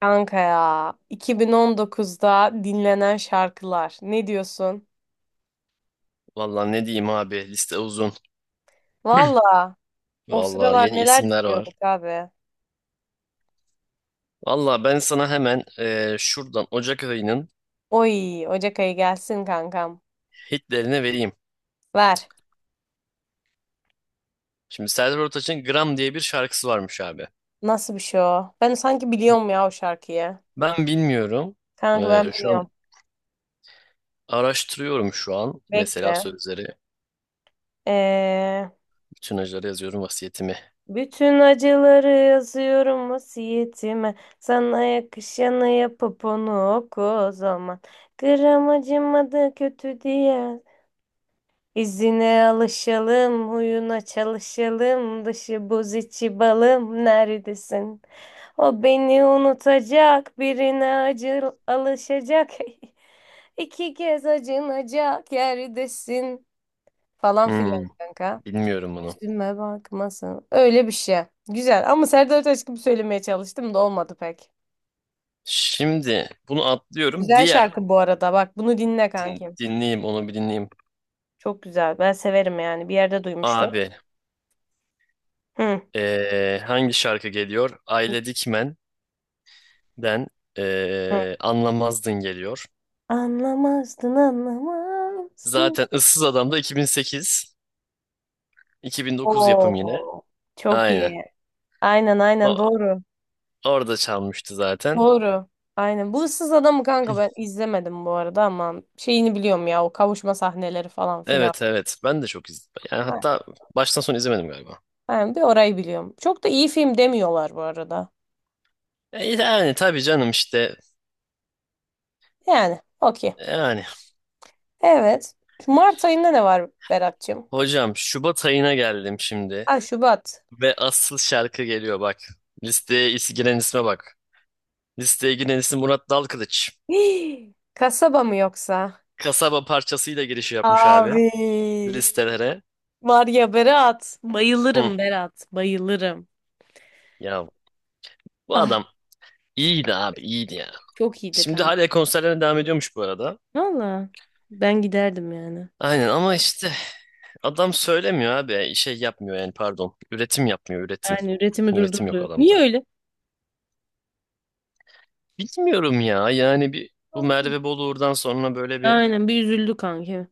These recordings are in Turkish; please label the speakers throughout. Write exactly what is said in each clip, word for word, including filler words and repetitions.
Speaker 1: Kanka ya iki bin on dokuzda dinlenen şarkılar ne diyorsun?
Speaker 2: Valla ne diyeyim abi, liste uzun.
Speaker 1: Valla o
Speaker 2: Valla
Speaker 1: sıralar
Speaker 2: yeni
Speaker 1: neler
Speaker 2: isimler
Speaker 1: dinliyorduk
Speaker 2: var.
Speaker 1: abi.
Speaker 2: Valla ben sana hemen eee, şuradan Ocak ayının
Speaker 1: Oy Ocak ayı gelsin kankam.
Speaker 2: hitlerini vereyim.
Speaker 1: Ver.
Speaker 2: Şimdi Serdar Ortaç'ın Gram diye bir şarkısı varmış abi.
Speaker 1: Nasıl bir şey o? Ben sanki biliyorum ya o şarkıyı.
Speaker 2: Ben bilmiyorum.
Speaker 1: Kanka
Speaker 2: Eee,
Speaker 1: ben
Speaker 2: şu an
Speaker 1: biliyorum.
Speaker 2: araştırıyorum şu an. Mesela
Speaker 1: Bekle.
Speaker 2: sözleri.
Speaker 1: Ee,
Speaker 2: Bütün acıları yazıyorum vasiyetimi.
Speaker 1: Bütün acıları yazıyorum vasiyetime. Sana yakışanı yapıp onu oku o zaman. Gram acımadı kötü diye. İzine alışalım, huyuna çalışalım, dışı buz içi balım neredesin? O beni unutacak, birine acı alışacak, iki kez acınacak yerdesin falan
Speaker 2: Hmm,
Speaker 1: filan kanka.
Speaker 2: bilmiyorum bunu.
Speaker 1: Üzülme bakmasın. Öyle bir şey. Güzel ama Serdar Ortaç gibi söylemeye çalıştım da olmadı pek.
Speaker 2: Şimdi bunu atlıyorum.
Speaker 1: Güzel
Speaker 2: Diğer
Speaker 1: şarkı bu arada bak bunu dinle
Speaker 2: din-
Speaker 1: kankim.
Speaker 2: dinleyeyim onu, bir dinleyeyim.
Speaker 1: Çok güzel ben severim yani bir yerde duymuştum.
Speaker 2: Abi.
Speaker 1: Hı.
Speaker 2: Ee, hangi şarkı geliyor?
Speaker 1: Hı.
Speaker 2: Aile Dikmen'den ee, Anlamazdın geliyor.
Speaker 1: Anlamazdın, anlamazdın.
Speaker 2: Zaten Issız Adam da iki bin sekiz, iki bin dokuz yapım yine.
Speaker 1: Oo, çok
Speaker 2: Aynen.
Speaker 1: iyi. Aynen aynen
Speaker 2: O,
Speaker 1: doğru.
Speaker 2: orada çalmıştı zaten.
Speaker 1: Doğru. Aynen. Bu ıssız adamı kanka ben izlemedim bu arada ama şeyini biliyorum ya o kavuşma sahneleri falan filan.
Speaker 2: Evet evet, ben de çok izledim. Yani hatta
Speaker 1: Aynen.
Speaker 2: baştan sona izlemedim galiba.
Speaker 1: Aynen, bir orayı biliyorum. Çok da iyi film demiyorlar bu arada.
Speaker 2: E, yani tabii canım işte,
Speaker 1: Yani okey.
Speaker 2: yani.
Speaker 1: Evet. Şu Mart ayında ne var Berat'cığım?
Speaker 2: Hocam, Şubat ayına geldim şimdi
Speaker 1: Ha Şubat.
Speaker 2: ve asıl şarkı geliyor bak. Listeye is- giren isme bak. Listeye giren isim Murat Dalkılıç.
Speaker 1: Hii, kasaba mı yoksa?
Speaker 2: Kasaba parçasıyla girişi yapmış abi,
Speaker 1: Abi.
Speaker 2: listelere.
Speaker 1: Var ya Berat.
Speaker 2: Hı.
Speaker 1: Bayılırım Berat. Bayılırım.
Speaker 2: Ya bu
Speaker 1: Ah
Speaker 2: adam iyiydi abi, iyiydi ya.
Speaker 1: çok iyiydi
Speaker 2: Şimdi
Speaker 1: kanka.
Speaker 2: hala konserlerine devam ediyormuş bu arada.
Speaker 1: Valla ben giderdim yani.
Speaker 2: Aynen, ama işte adam söylemiyor abi. Şey yapmıyor, yani pardon. Üretim yapmıyor, üretim.
Speaker 1: Yani üretimi
Speaker 2: Üretim yok
Speaker 1: durdurdu.
Speaker 2: adamda.
Speaker 1: Niye öyle?
Speaker 2: Bilmiyorum ya, yani bir bu Merve Boluğur'dan sonra böyle bir
Speaker 1: Aynen bir üzüldü kanka.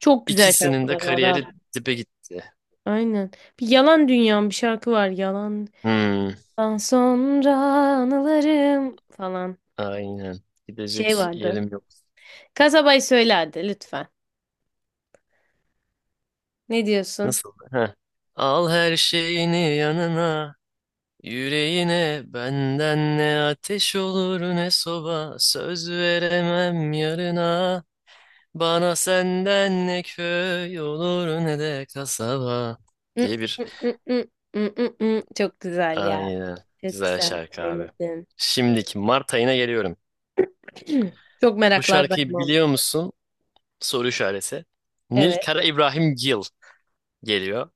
Speaker 1: Çok güzel
Speaker 2: ikisinin de
Speaker 1: şarkılar var abi.
Speaker 2: kariyeri dibe gitti.
Speaker 1: Aynen. Bir Yalan Dünyam bir şarkı var. Yalandan
Speaker 2: Hmm,
Speaker 1: sonra anılarım falan.
Speaker 2: aynen.
Speaker 1: Şey
Speaker 2: Gidecek
Speaker 1: vardı.
Speaker 2: yerim yok.
Speaker 1: Kasabayı söyle hadi lütfen. Ne diyorsun?
Speaker 2: Nasıl? Heh. Al her şeyini yanına. Yüreğine benden ne ateş olur ne soba, söz veremem yarına, bana senden ne köy olur ne de kasaba
Speaker 1: Hı,
Speaker 2: diye bir
Speaker 1: hı, hı, hı, hı, hı, hı. Çok güzel ya.
Speaker 2: aynen,
Speaker 1: Çok
Speaker 2: güzel
Speaker 1: güzel
Speaker 2: şarkı abi.
Speaker 1: söyledin.
Speaker 2: Şimdiki Mart ayına geliyorum.
Speaker 1: Çok
Speaker 2: Bu
Speaker 1: meraklardayım
Speaker 2: şarkıyı
Speaker 1: oğlum.
Speaker 2: biliyor musun? Soru işareti. Nil
Speaker 1: Evet.
Speaker 2: Kara İbrahim Gil geliyor.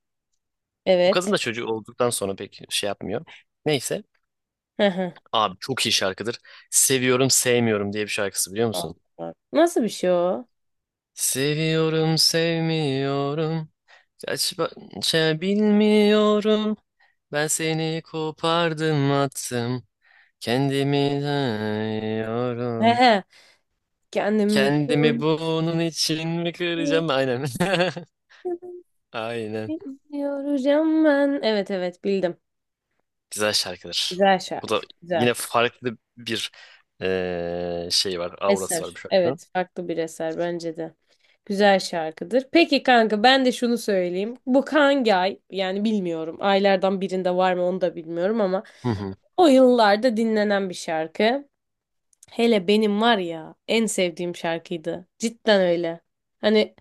Speaker 2: Bu kadın
Speaker 1: Evet.
Speaker 2: da çocuğu olduktan sonra pek şey yapmıyor. Neyse abi, çok iyi şarkıdır. Seviyorum sevmiyorum diye bir şarkısı, biliyor musun?
Speaker 1: Allah. Nasıl bir şey o?
Speaker 2: Seviyorum, sevmiyorum. Kaç parça bilmiyorum. Ben seni kopardım, attım. Kendimi
Speaker 1: He
Speaker 2: dayıyorum.
Speaker 1: he. Kendimi
Speaker 2: Kendimi bunun için mi kıracağım? Aynen. Aynen.
Speaker 1: yoracağım ben. Evet evet bildim.
Speaker 2: Güzel şarkıdır.
Speaker 1: Güzel
Speaker 2: Bu da
Speaker 1: şarkı. Güzel.
Speaker 2: yine farklı bir eee, şey var. Aurası var bu
Speaker 1: Eser.
Speaker 2: şarkının.
Speaker 1: Evet farklı bir eser bence de. Güzel şarkıdır. Peki kanka ben de şunu söyleyeyim. Bu hangi ay? Yani bilmiyorum. Aylardan birinde var mı onu da bilmiyorum ama
Speaker 2: Hı hı,
Speaker 1: o yıllarda dinlenen bir şarkı. Hele benim var ya en sevdiğim şarkıydı. Cidden öyle. Hani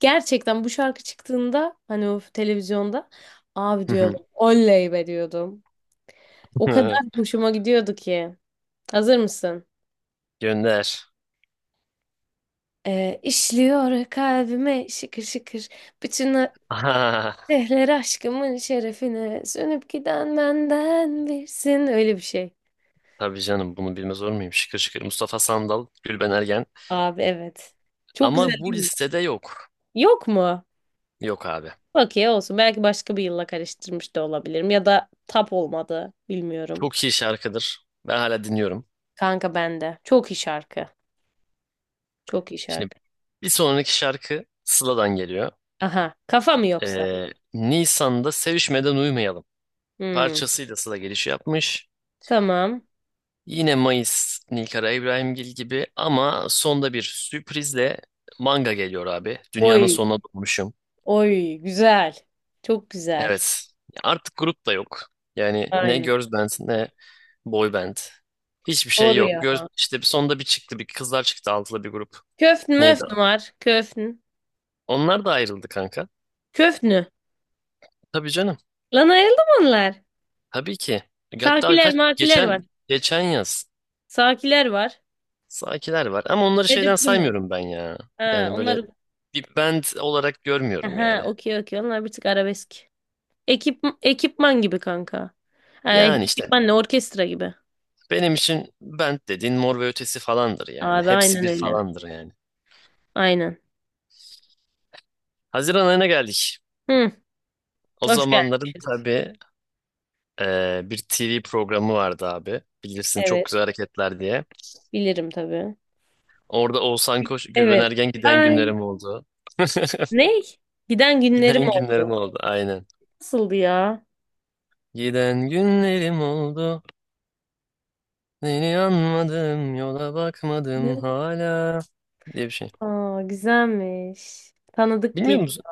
Speaker 1: gerçekten bu şarkı çıktığında hani o televizyonda abi
Speaker 2: hı
Speaker 1: diyordum. Oley be diyordum. O kadar
Speaker 2: hı.
Speaker 1: hoşuma gidiyordu ki. Hazır mısın?
Speaker 2: Gönder.
Speaker 1: Ee, işliyor kalbime şıkır şıkır. Bütün
Speaker 2: Aha,
Speaker 1: dehler aşkımın şerefine sönüp giden benden birsin. Öyle bir şey.
Speaker 2: tabii canım, bunu bilmez olur muyum? Şıkır şıkır. Mustafa Sandal, Gülben Ergen.
Speaker 1: Abi evet. Çok güzel
Speaker 2: Ama bu
Speaker 1: değil mi?
Speaker 2: listede yok.
Speaker 1: Yok mu?
Speaker 2: Yok abi.
Speaker 1: Okey olsun. Belki başka bir yılla karıştırmış da olabilirim. Ya da tap olmadı. Bilmiyorum.
Speaker 2: Çok iyi şarkıdır. Ben hala dinliyorum.
Speaker 1: Kanka bende. Çok iyi şarkı. Çok iyi
Speaker 2: Şimdi
Speaker 1: şarkı.
Speaker 2: bir sonraki şarkı Sıla'dan geliyor.
Speaker 1: Aha. Kafa mı yoksa?
Speaker 2: Ee, Nisan'da Sevişmeden Uyumayalım.
Speaker 1: Hmm.
Speaker 2: Parçasıyla Sıla giriş yapmış.
Speaker 1: Tamam.
Speaker 2: Yine Mayıs Nilkara İbrahimgil gibi, ama sonda bir sürprizle manga geliyor abi. Dünyanın
Speaker 1: Oy.
Speaker 2: sonuna doğmuşum.
Speaker 1: Oy. Güzel. Çok güzel.
Speaker 2: Evet. Artık grup da yok. Yani ne
Speaker 1: Aynen.
Speaker 2: girls band ne boy band. Hiçbir şey
Speaker 1: Doğru
Speaker 2: yok.
Speaker 1: ya.
Speaker 2: Girls, işte sonda bir çıktı, bir kızlar çıktı, altılı bir grup.
Speaker 1: Köfn
Speaker 2: Neydi?
Speaker 1: möfn var. Köfn.
Speaker 2: Onlar da ayrıldı kanka.
Speaker 1: Köfnü.
Speaker 2: Tabii canım.
Speaker 1: Lan ayrıldı mı onlar?
Speaker 2: Tabii ki. Hatta
Speaker 1: Sakiler
Speaker 2: kaç
Speaker 1: makiler var.
Speaker 2: geçen geçen yaz,
Speaker 1: Sakiler var.
Speaker 2: Sakiler var ama onları şeyden
Speaker 1: Tedbir
Speaker 2: saymıyorum ben ya.
Speaker 1: ha
Speaker 2: Yani böyle
Speaker 1: onları.
Speaker 2: bir band olarak görmüyorum
Speaker 1: Aha
Speaker 2: yani.
Speaker 1: okey okey. Onlar bir tık arabesk. Ekip, ekipman gibi kanka. Ay,
Speaker 2: Yani işte
Speaker 1: ekipman ne orkestra gibi.
Speaker 2: benim için band dediğin Mor ve Ötesi falandır yani.
Speaker 1: Abi
Speaker 2: Hepsi
Speaker 1: aynen
Speaker 2: bir
Speaker 1: öyle.
Speaker 2: falandır yani.
Speaker 1: Aynen.
Speaker 2: Haziran ayına geldik.
Speaker 1: Hı,
Speaker 2: O
Speaker 1: hoş
Speaker 2: zamanların
Speaker 1: gelmişiz.
Speaker 2: tabii eee, bir T V programı vardı abi. Bilirsin, çok
Speaker 1: Evet.
Speaker 2: güzel hareketler diye.
Speaker 1: Bilirim tabii.
Speaker 2: Orada Oğuzhan Koç, Gülben
Speaker 1: Evet.
Speaker 2: Ergen giden
Speaker 1: Ay,
Speaker 2: günlerim oldu.
Speaker 1: ne? Giden günlerim
Speaker 2: Giden günlerim
Speaker 1: oldu.
Speaker 2: oldu aynen.
Speaker 1: Nasıldı ya?
Speaker 2: Giden günlerim oldu. Seni anmadım, yola bakmadım
Speaker 1: Ne?
Speaker 2: hala diye bir şey.
Speaker 1: Aa, güzelmiş. Tanıdık
Speaker 2: Bilmiyor
Speaker 1: gibi.
Speaker 2: musun?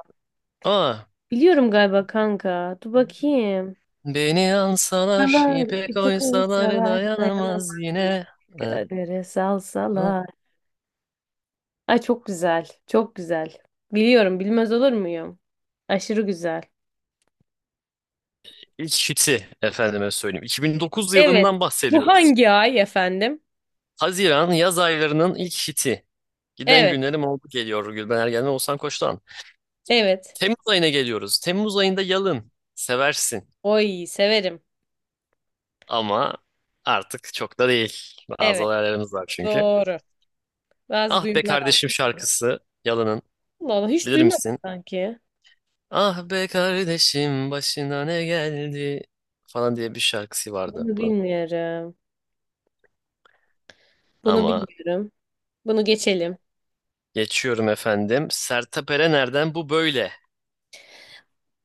Speaker 2: Aa,
Speaker 1: Biliyorum galiba kanka. Dur bakayım.
Speaker 2: beni alsalar,
Speaker 1: Salar,
Speaker 2: ipe
Speaker 1: ipe
Speaker 2: koysalar
Speaker 1: kavuşsalar,
Speaker 2: dayanamaz
Speaker 1: dayanamaz diye.
Speaker 2: yine. Ee,
Speaker 1: Kadere salsalar. Ay çok güzel. Çok güzel. Biliyorum, bilmez olur muyum? Aşırı güzel.
Speaker 2: İlk hiti efendime söyleyeyim. iki bin dokuz yılından
Speaker 1: Evet. Bu
Speaker 2: bahsediyoruz.
Speaker 1: hangi ay efendim?
Speaker 2: Haziran yaz aylarının ilk hiti. Giden
Speaker 1: Evet.
Speaker 2: günlerim oldu geliyor Gülben Ergen'den, Oğuzhan Koç'tan.
Speaker 1: Evet.
Speaker 2: Temmuz ayına geliyoruz. Temmuz ayında Yalın. Seversin.
Speaker 1: Oy severim.
Speaker 2: Ama artık çok da değil. Bazı
Speaker 1: Evet.
Speaker 2: olaylarımız var çünkü.
Speaker 1: Doğru. Bazı
Speaker 2: Ah be
Speaker 1: duyumlar aldım.
Speaker 2: kardeşim şarkısı. Yalın'ın.
Speaker 1: Allah Allah hiç
Speaker 2: Bilir
Speaker 1: duymadım
Speaker 2: misin?
Speaker 1: sanki.
Speaker 2: Ah be kardeşim başına ne geldi falan diye bir şarkısı vardı
Speaker 1: Bunu
Speaker 2: bunun.
Speaker 1: bilmiyorum. Bunu
Speaker 2: Ama
Speaker 1: bilmiyorum. Bunu geçelim.
Speaker 2: geçiyorum efendim. Sertab Erener'den bu böyle.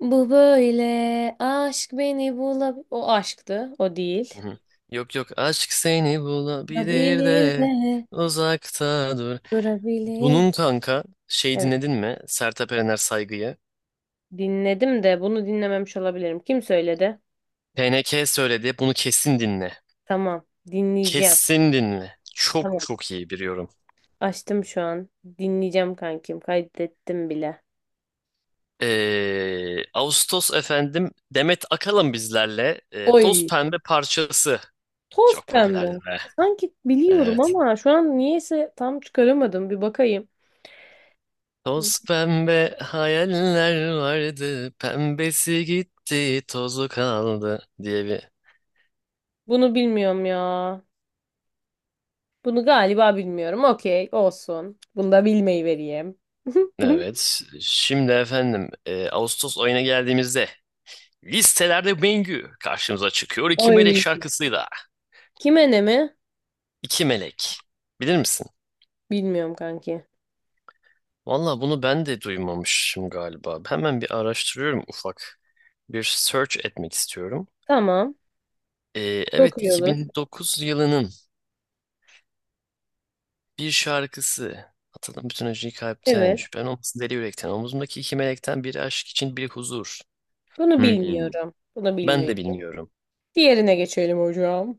Speaker 1: Bu böyle aşk beni bulab... O aşktı. O
Speaker 2: Hı
Speaker 1: değil.
Speaker 2: hı. Yok yok, aşk seni bulabilir
Speaker 1: Bulabilir
Speaker 2: de
Speaker 1: de.
Speaker 2: uzakta dur.
Speaker 1: Durabilir de.
Speaker 2: Bunun kanka şey,
Speaker 1: Evet.
Speaker 2: dinledin mi? Sertab Erener Saygı'yı.
Speaker 1: Dinledim de bunu dinlememiş olabilirim. Kim söyledi?
Speaker 2: P N K söyledi, bunu kesin dinle.
Speaker 1: Tamam. Dinleyeceğim.
Speaker 2: Kesin dinle. Çok
Speaker 1: Tamam.
Speaker 2: çok iyi biliyorum.
Speaker 1: Açtım şu an. Dinleyeceğim kankim. Kaydettim bile.
Speaker 2: Ee, Ağustos efendim, Demet Akalın bizlerle, e, Toz
Speaker 1: Oy.
Speaker 2: Pembe parçası.
Speaker 1: Toz
Speaker 2: Çok popülerdi
Speaker 1: pembe.
Speaker 2: be.
Speaker 1: Sanki biliyorum
Speaker 2: Evet.
Speaker 1: ama şu an niyeyse tam çıkaramadım. Bir bakayım.
Speaker 2: Toz pembe hayaller vardı. Pembesi gitti, tozu kaldı diye bir...
Speaker 1: Bunu bilmiyorum ya. Bunu galiba bilmiyorum. Okey, olsun. Bunu da bilmeyi vereyim.
Speaker 2: Evet. Şimdi efendim, e, Ağustos ayına geldiğimizde listelerde Bengü karşımıza çıkıyor. İki Melek
Speaker 1: Oy.
Speaker 2: şarkısıyla.
Speaker 1: Kime ne mi?
Speaker 2: İki Melek. Bilir misin?
Speaker 1: Bilmiyorum kanki.
Speaker 2: Valla bunu ben de duymamışım galiba. Hemen bir araştırıyorum ufak. Bir search etmek istiyorum.
Speaker 1: Tamam.
Speaker 2: Ee,
Speaker 1: Çok
Speaker 2: evet,
Speaker 1: iyi olur.
Speaker 2: iki bin dokuz yılının bir şarkısı. Atadım bütün acıyı kalpten.
Speaker 1: Evet.
Speaker 2: Şüphen olmasın deli yürekten. Omuzumdaki iki melekten biri aşk için, biri huzur.
Speaker 1: Bunu
Speaker 2: Hmm.
Speaker 1: bilmiyorum. Bunu
Speaker 2: Ben de
Speaker 1: bilmiyorum.
Speaker 2: bilmiyorum.
Speaker 1: Diğerine geçelim hocam.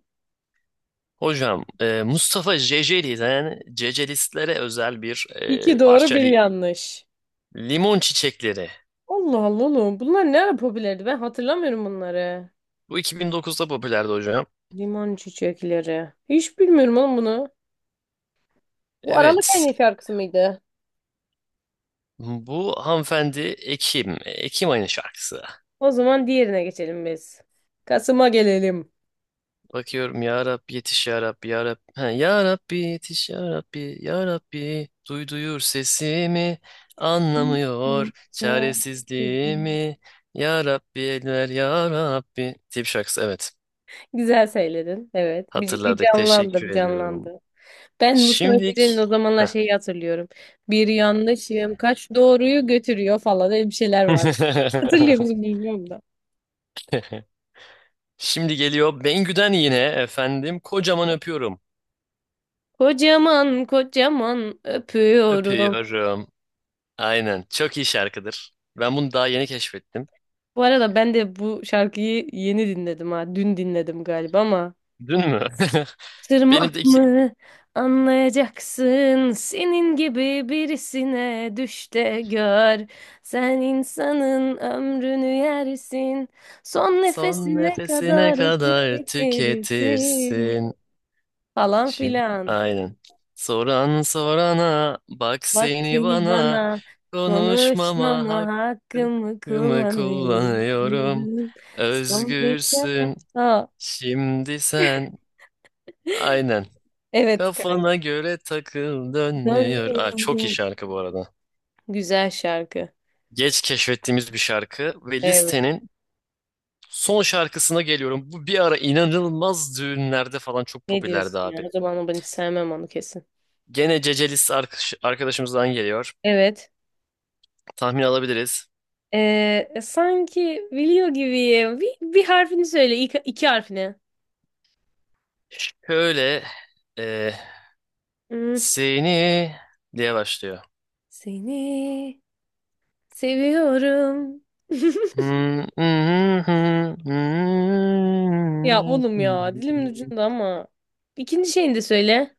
Speaker 2: Hocam, e, Mustafa Ceceli'den Cecelistlere özel bir e,
Speaker 1: İki doğru
Speaker 2: parça,
Speaker 1: bir
Speaker 2: li-
Speaker 1: yanlış.
Speaker 2: Limon Çiçekleri.
Speaker 1: Allah Allah oğlum. Bunlar ne ara popülerdi? Ben hatırlamıyorum bunları.
Speaker 2: Bu iki bin dokuzda popülerdi hocam.
Speaker 1: Limon çiçekleri. Hiç bilmiyorum oğlum bunu. Bu Aralık
Speaker 2: Evet.
Speaker 1: ayının şarkısı mıydı?
Speaker 2: Bu hanımefendi Ekim. Ekim ayının şarkısı.
Speaker 1: O zaman diğerine geçelim biz. Kasım'a gelelim.
Speaker 2: Bakıyorum ya Rabbi, yetiş ya Rabbi ya Rabbi. Ha, ya Rabbi yetiş ya Rabbi ya Rabbi. Duy, duyur sesimi,
Speaker 1: Hmm.
Speaker 2: anlamıyor
Speaker 1: Ya güzel
Speaker 2: çaresizliğimi. Ya Rabbi eller ya Rabbi. Tip şarkısı, evet.
Speaker 1: güzel söyledin. Evet. Bir, bir
Speaker 2: Hatırladık,
Speaker 1: canlandı,
Speaker 2: teşekkür
Speaker 1: bir
Speaker 2: ediyorum.
Speaker 1: canlandı. Ben Mustafa Kemal'in o
Speaker 2: Şimdik.
Speaker 1: zamanlar
Speaker 2: Heh.
Speaker 1: şeyi hatırlıyorum. Bir yanlışım kaç doğruyu götürüyor falan öyle bir şeyler vardı. Hatırlıyor musun bilmiyorum da.
Speaker 2: Şimdi geliyor Bengü'den yine efendim, kocaman öpüyorum.
Speaker 1: Kocaman kocaman öpüyorum.
Speaker 2: Öpüyorum. Aynen. Çok iyi şarkıdır. Ben bunu daha yeni keşfettim.
Speaker 1: Bu arada ben de bu şarkıyı yeni dinledim ha. Dün dinledim galiba ama
Speaker 2: Dün mü? Benim de
Speaker 1: tırmak
Speaker 2: iki...
Speaker 1: mı anlayacaksın senin gibi birisine düş de gör. Sen insanın ömrünü yersin son
Speaker 2: Son
Speaker 1: nefesine
Speaker 2: nefesine
Speaker 1: kadar
Speaker 2: kadar
Speaker 1: tüketirsin
Speaker 2: tüketirsin.
Speaker 1: falan
Speaker 2: Şimdi
Speaker 1: filan.
Speaker 2: aynen. Soran sorana bak, seni
Speaker 1: Vaktini
Speaker 2: bana
Speaker 1: bana
Speaker 2: konuşmama
Speaker 1: konuşmama hakkımı
Speaker 2: hakkımı kullanıyorum.
Speaker 1: kullanıyorum. Son bir kere.
Speaker 2: Özgürsün
Speaker 1: Aa,
Speaker 2: şimdi sen. Aynen.
Speaker 1: evet kanka.
Speaker 2: Kafana göre takıl, dönüyor. Aa, çok iyi
Speaker 1: Dönüyorum.
Speaker 2: şarkı bu arada.
Speaker 1: Güzel şarkı.
Speaker 2: Geç keşfettiğimiz bir şarkı ve
Speaker 1: Evet.
Speaker 2: listenin son şarkısına geliyorum. Bu bir ara inanılmaz düğünlerde falan çok
Speaker 1: Ne
Speaker 2: popülerdi
Speaker 1: diyorsun ya?
Speaker 2: abi.
Speaker 1: O zaman ama ben hiç sevmem onu kesin.
Speaker 2: Gene Cece List arkadaş- arkadaşımızdan geliyor.
Speaker 1: Evet.
Speaker 2: Tahmin alabiliriz.
Speaker 1: Ee, sanki biliyor gibiyim. Bir, bir harfini söyle. İki, iki harfini.
Speaker 2: Şöyle e,
Speaker 1: Hmm.
Speaker 2: seni diye başlıyor.
Speaker 1: Seni seviyorum. Ya oğlum ya. Dilimin ucunda ama. İkinci şeyini de söyle.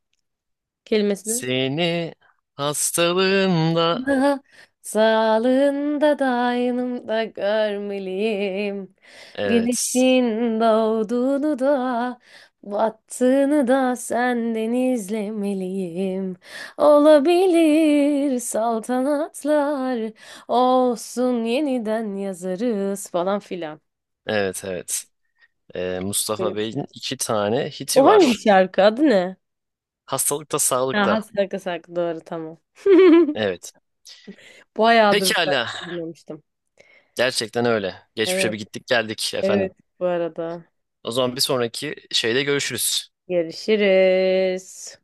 Speaker 1: Kelimesini.
Speaker 2: Seni hastalığında,
Speaker 1: Daha sağlığında da aynımda görmeliyim.
Speaker 2: evet
Speaker 1: Güneşin doğduğunu da battığını da senden izlemeliyim. Olabilir saltanatlar olsun yeniden yazarız falan filan.
Speaker 2: evet evet. E, Mustafa
Speaker 1: Böyle bir şey.
Speaker 2: Bey'in iki tane hiti
Speaker 1: O hangi
Speaker 2: var.
Speaker 1: şarkı? Adı ne?
Speaker 2: Hastalıkta
Speaker 1: Ha,
Speaker 2: sağlıkta.
Speaker 1: Hasraka Saklı doğru tamam.
Speaker 2: Evet.
Speaker 1: Bayağıdır bu
Speaker 2: Pekala.
Speaker 1: şarkıyı duymamıştım.
Speaker 2: Gerçekten öyle. Geçmişe bir
Speaker 1: Evet,
Speaker 2: gittik geldik efendim.
Speaker 1: evet bu arada.
Speaker 2: O zaman bir sonraki şeyde görüşürüz.
Speaker 1: Görüşürüz.